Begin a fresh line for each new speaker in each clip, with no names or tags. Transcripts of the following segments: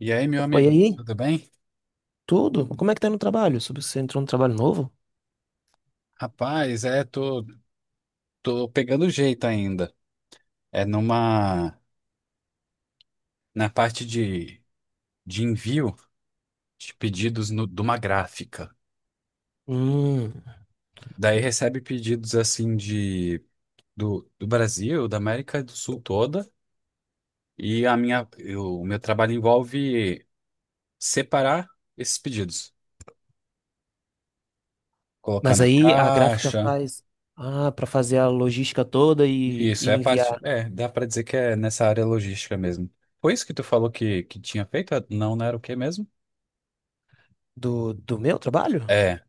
E aí, meu
Pô, e
amigo,
aí?
tudo bem?
Tudo? Como é que tá no trabalho? Sobre- Você entrou no trabalho novo?
Rapaz, é, tô pegando jeito ainda. É numa, Na parte de envio de pedidos de uma gráfica.
Hum.
Daí recebe pedidos assim do Brasil, da América do Sul toda, e o meu trabalho envolve separar esses pedidos, colocar
Mas
na
aí a gráfica
caixa.
faz. Ah, pra fazer a logística toda e
Isso, é a parte,
enviar
é, dá pra dizer que é nessa área logística mesmo. Foi isso que tu falou que tinha feito? Não era o quê mesmo?
do meu trabalho?
É.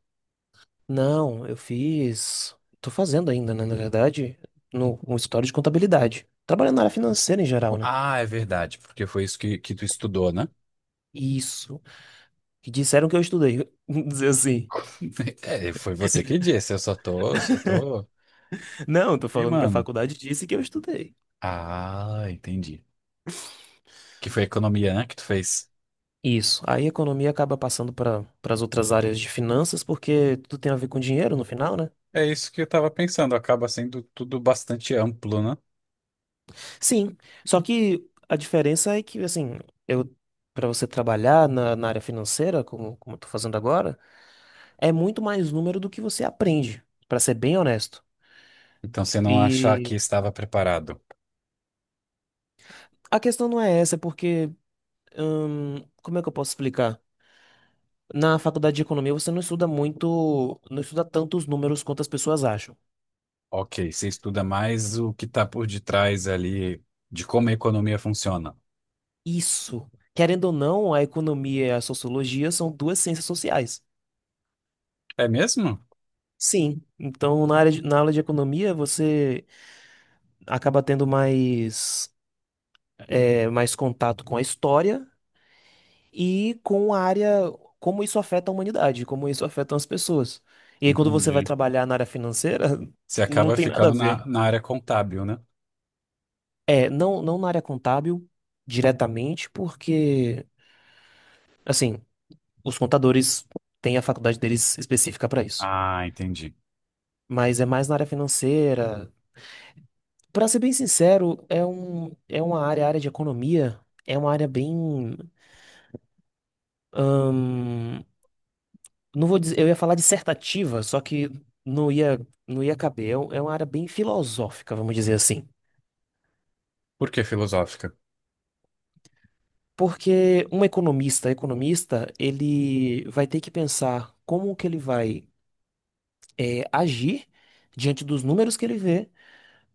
Não, eu fiz. Tô fazendo ainda, né? Na verdade, no escritório de contabilidade. Trabalhando na área financeira em geral, né?
Ah, é verdade, porque foi isso que tu estudou, né?
Isso. Que disseram que eu estudei. Vamos dizer assim.
É, foi você que disse, eu só tô
Não, tô falando que a
confirmando.
faculdade disse que eu estudei.
Ah, entendi. Que foi economia, né, que tu fez?
Isso. Aí a economia acaba passando para as outras áreas de finanças, porque tudo tem a ver com dinheiro no final, né?
É isso que eu estava pensando, acaba sendo tudo bastante amplo, né?
Sim. Só que a diferença é que, assim, eu para você trabalhar na área financeira, como eu tô fazendo agora, é muito mais número do que você aprende, para ser bem honesto.
Então, você não achar que
E
estava preparado.
a questão não é essa, é porque, como é que eu posso explicar? Na faculdade de economia você não estuda muito, não estuda tantos números quanto as pessoas acham.
Ok, você estuda mais o que está por detrás ali de como a economia funciona.
Isso. Querendo ou não, a economia e a sociologia são duas ciências sociais.
É mesmo?
Sim. Então, na área de- na aula de economia, você acaba tendo mais, é, mais contato com a história e com a área, como isso afeta a humanidade, como isso afeta as pessoas. E aí, quando você vai
Entendi.
trabalhar na área financeira,
Você
não
acaba
tem nada a
ficando
ver.
na área contábil, né?
É, não, não na área contábil diretamente, porque, assim, os contadores têm a faculdade deles específica para isso.
Ah, entendi.
Mas é mais na área financeira. Pra ser bem sincero, é um, é uma área, a área de economia, é uma área bem, hum, não vou dizer, eu ia falar dissertativa, só que não ia, não ia caber. É um- é uma área bem filosófica, vamos dizer assim.
Por que filosófica?
Porque um economista, economista, ele vai ter que pensar como que ele vai, agir diante dos números que ele vê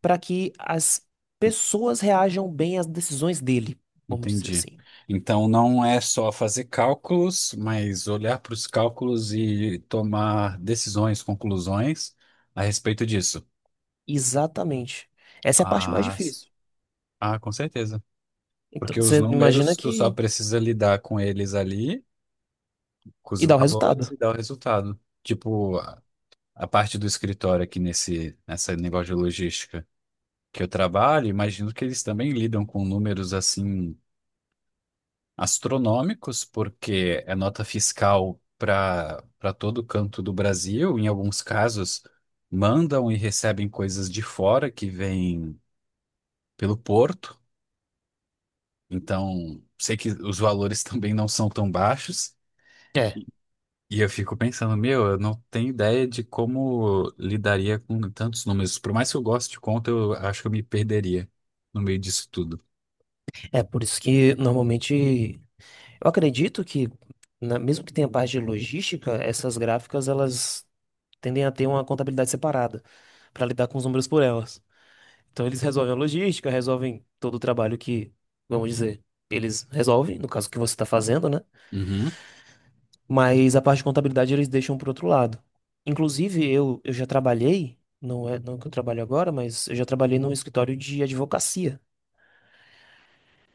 para que as pessoas reajam bem às decisões dele, vamos dizer
Entendi.
assim.
Então não é só fazer cálculos, mas olhar para os cálculos e tomar decisões, conclusões a respeito disso.
Exatamente. Essa é a parte mais
Ah, s-
difícil.
ah, com certeza.
Então,
Porque os
você imagina
números, tu só
que.
precisa lidar com eles ali, com os
E dá o
valores
resultado.
e dar o resultado. Tipo, a parte do escritório aqui nessa negócio de logística que eu trabalho, imagino que eles também lidam com números assim astronômicos, porque é nota fiscal para todo canto do Brasil. Em alguns casos, mandam e recebem coisas de fora que vêm pelo porto. Então, sei que os valores também não são tão baixos.
É.
E eu fico pensando, meu, eu não tenho ideia de como lidaria com tantos números. Por mais que eu goste de conta, eu acho que eu me perderia no meio disso tudo.
É por isso que normalmente. Eu acredito que, na- mesmo que tenha parte de logística, essas gráficas elas tendem a ter uma contabilidade separada para lidar com os números por elas. Então eles resolvem a logística, resolvem todo o trabalho que, vamos dizer, eles resolvem, no caso que você está fazendo, né?
Uhum,
Mas a parte de contabilidade eles deixam para outro lado. Inclusive, eu já trabalhei, não é não que eu trabalho agora, mas eu já trabalhei num escritório de advocacia.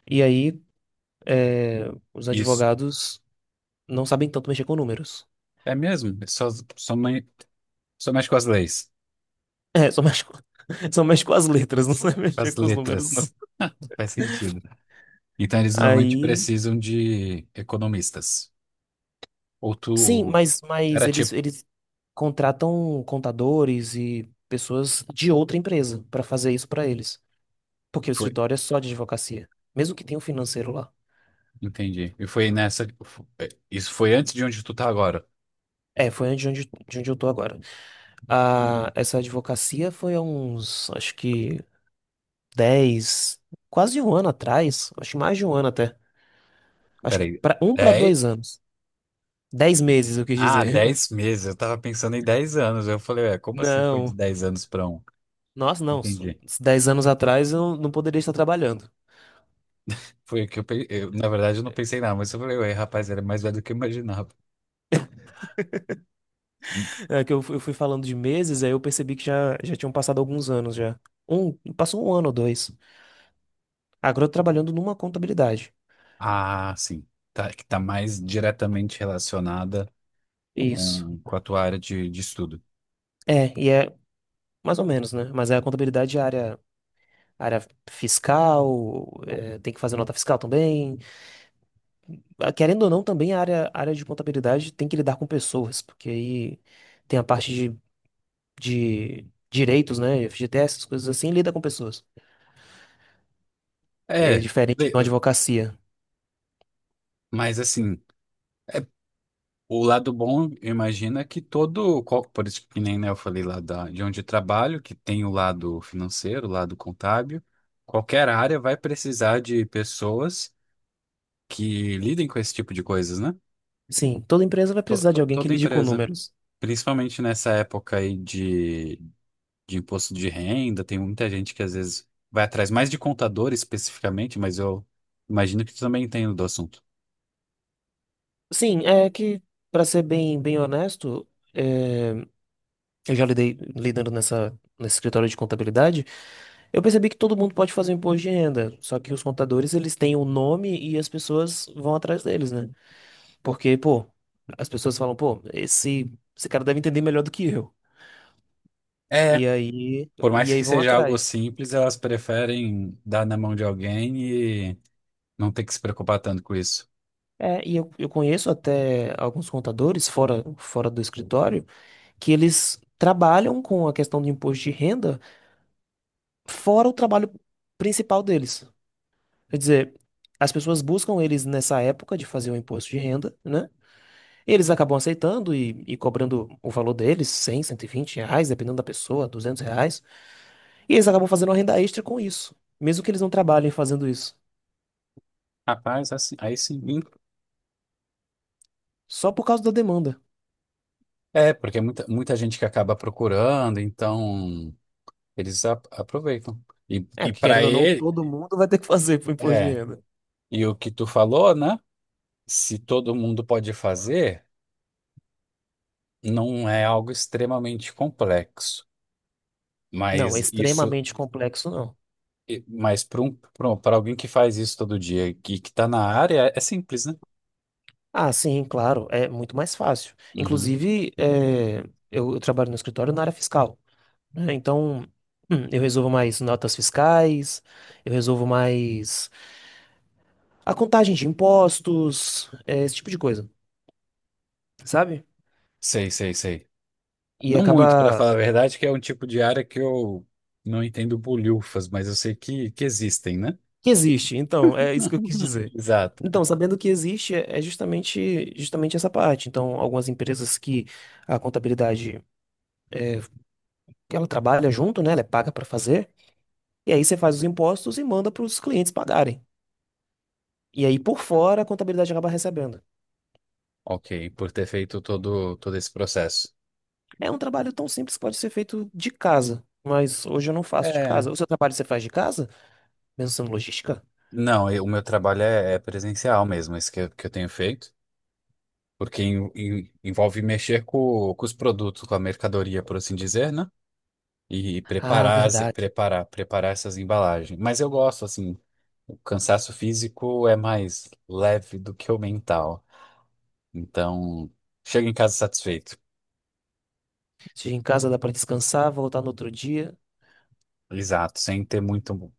E aí, é, os
isso.
advogados não sabem tanto mexer com números.
É mesmo? Só, me- Só mexe com as leis.
É, só mexe com, só mexe com as letras, não sabe
As
mexer com os números, não.
letras. Não faz sentido. Então eles normalmente
Aí
precisam de economistas. Ou tu
sim, mas
era
eles,
tipo,
eles contratam contadores e pessoas de outra empresa para fazer isso para eles. Porque
E
o
foi,
escritório é só de advocacia, mesmo que tenha um financeiro lá.
entendi. E foi nessa, isso foi antes de onde tu tá agora.
É, foi onde, onde, de onde eu tô agora. Ah, essa advocacia foi há uns, acho que 10 quase um ano atrás, acho que mais de um ano até. Acho que
Peraí,
pra, um para
10
dois anos. Dez meses, eu quis
ah,
dizer.
dez meses. Eu tava pensando em 10 anos. Eu falei, ué, como assim foi de
Não,
dez anos pra um?
nossa, não. s-
Entendi.
Dez anos atrás eu não poderia estar trabalhando.
Foi que na verdade, eu não pensei nada, mas eu falei, ué, rapaz, era mais velho do que eu imaginava. Hum,
É que eu, fu- eu fui falando de meses, aí eu percebi que já, já tinham passado alguns anos já. Um, passou um ano ou dois. Agora eu tô trabalhando numa contabilidade.
Ah, sim. Tá, que tá mais diretamente relacionada
Isso.
com a tua área de estudo.
É, e é mais ou menos, né? Mas é a contabilidade de área, área fiscal, é, tem que fazer nota fiscal também. Ah, querendo ou não, também a área, área de contabilidade tem que lidar com pessoas, porque aí tem a parte de direitos, né? FGTS, essas coisas assim, lida com pessoas. É
É,
diferente
le-
de uma
eh,
advocacia.
mas assim, o lado bom, imagina por isso que nem né, eu falei de onde eu trabalho, que tem o lado financeiro, o lado contábil, qualquer área vai precisar de pessoas que lidem com esse tipo de coisas, né?
Sim, toda empresa vai precisar de alguém que
Toda
lide com
empresa,
números.
principalmente nessa época de imposto de renda, tem muita gente que às vezes vai atrás mais de contador especificamente, mas eu imagino que tu também entende do assunto.
Sim, é que, para ser bem, bem honesto, é, eu já lidei lidando nessa, nesse escritório de contabilidade, eu percebi que todo mundo pode fazer um imposto de renda, só que os contadores, eles têm o nome e as pessoas vão atrás deles, né? Porque, pô, as pessoas falam, pô, esse cara deve entender melhor do que eu. E aí,
Por
e
mais que
aí vão
seja algo
atrás.
simples, elas preferem dar na mão de alguém e não ter que se preocupar tanto com isso.
É, e eu conheço até alguns contadores fora, fora do escritório que eles trabalham com a questão do imposto de renda fora o trabalho principal deles. Quer dizer, as pessoas buscam eles nessa época de fazer o imposto de renda, né? Eles acabam aceitando e cobrando o valor deles, R$ 100, R$ 120, dependendo da pessoa, R$ 200. E eles acabam fazendo uma renda extra com isso, mesmo que eles não trabalhem fazendo isso,
Rapaz, assim, aí sim, hein?
só por causa da demanda.
É, porque é muita gente que acaba procurando, então eles aproveitam. E,
É,
e
porque
para
querendo ou não,
ele,
todo mundo vai ter que fazer pro imposto de
é.
renda.
E o que tu falou, né? Se todo mundo pode fazer, não é algo extremamente complexo.
Não, é
Mas isso,
extremamente complexo não.
mas para um, para alguém que faz isso todo dia e que está na área, é simples, né?
Ah, sim, claro, é muito mais fácil.
Uhum.
Inclusive, é, eu trabalho no escritório na área fiscal, né? Então, eu resolvo mais notas fiscais, eu resolvo mais a contagem de impostos, é, esse tipo de coisa, sabe?
Sei, sei, sei.
E
Não muito, para
acaba
falar a verdade, que é um tipo de área que eu não entendo bolhufas, mas eu sei que existem, né?
que existe. Então, é isso que eu quis dizer.
Exato.
Então, sabendo que existe, é é justamente, justamente essa parte. Então, algumas empresas que a contabilidade, que ela trabalha junto, né? Ela é paga para fazer. E aí você faz os impostos e manda para os clientes pagarem. E aí, por fora, a contabilidade acaba recebendo.
Ok, por ter feito todo esse processo.
É um trabalho tão simples que pode ser feito de casa. Mas hoje eu não faço de
É,
casa. O seu trabalho você faz de casa? Mesmo sendo logística?
não, eu- O meu trabalho é, é presencial mesmo, esse que eu tenho feito, porque envolve mexer com os produtos, com a mercadoria, por assim dizer, né? E
Ah, verdade.
preparar essas embalagens. Mas eu gosto, assim, o cansaço físico é mais leve do que o mental. Então, chega em casa satisfeito.
Chega em casa, dá para descansar, voltar no outro dia.
Exato, sem ter muito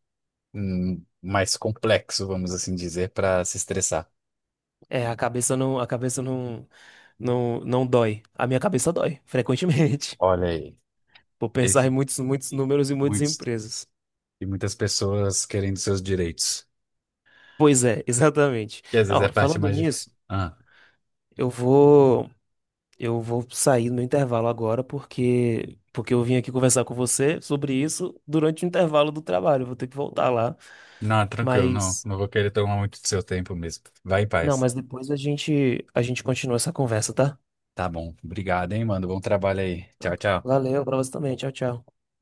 mais complexo, vamos assim dizer, para se estressar.
É, a cabeça não, não, não dói. A minha cabeça dói, frequentemente.
Olha aí,
Por pensar em
esse,
muitos, muitos
e
números e muitas
muitos,
empresas.
e muitas pessoas querendo seus direitos,
Pois é, exatamente.
que às vezes
Ah,
é
ó,
a parte
falando
mais difícil.
nisso,
Ah,
eu vou, eu vou sair no intervalo agora porque, porque eu vim aqui conversar com você sobre isso durante o intervalo do trabalho. Eu vou ter que voltar lá.
não, tranquilo, não,
Mas,
não vou querer tomar muito do seu tempo mesmo. Vai em
não,
paz.
mas depois a gente continua essa conversa, tá?
Tá bom, obrigado, hein, mano. Bom trabalho aí. Tchau, tchau.
Valeu, pra você também. Tchau, tchau.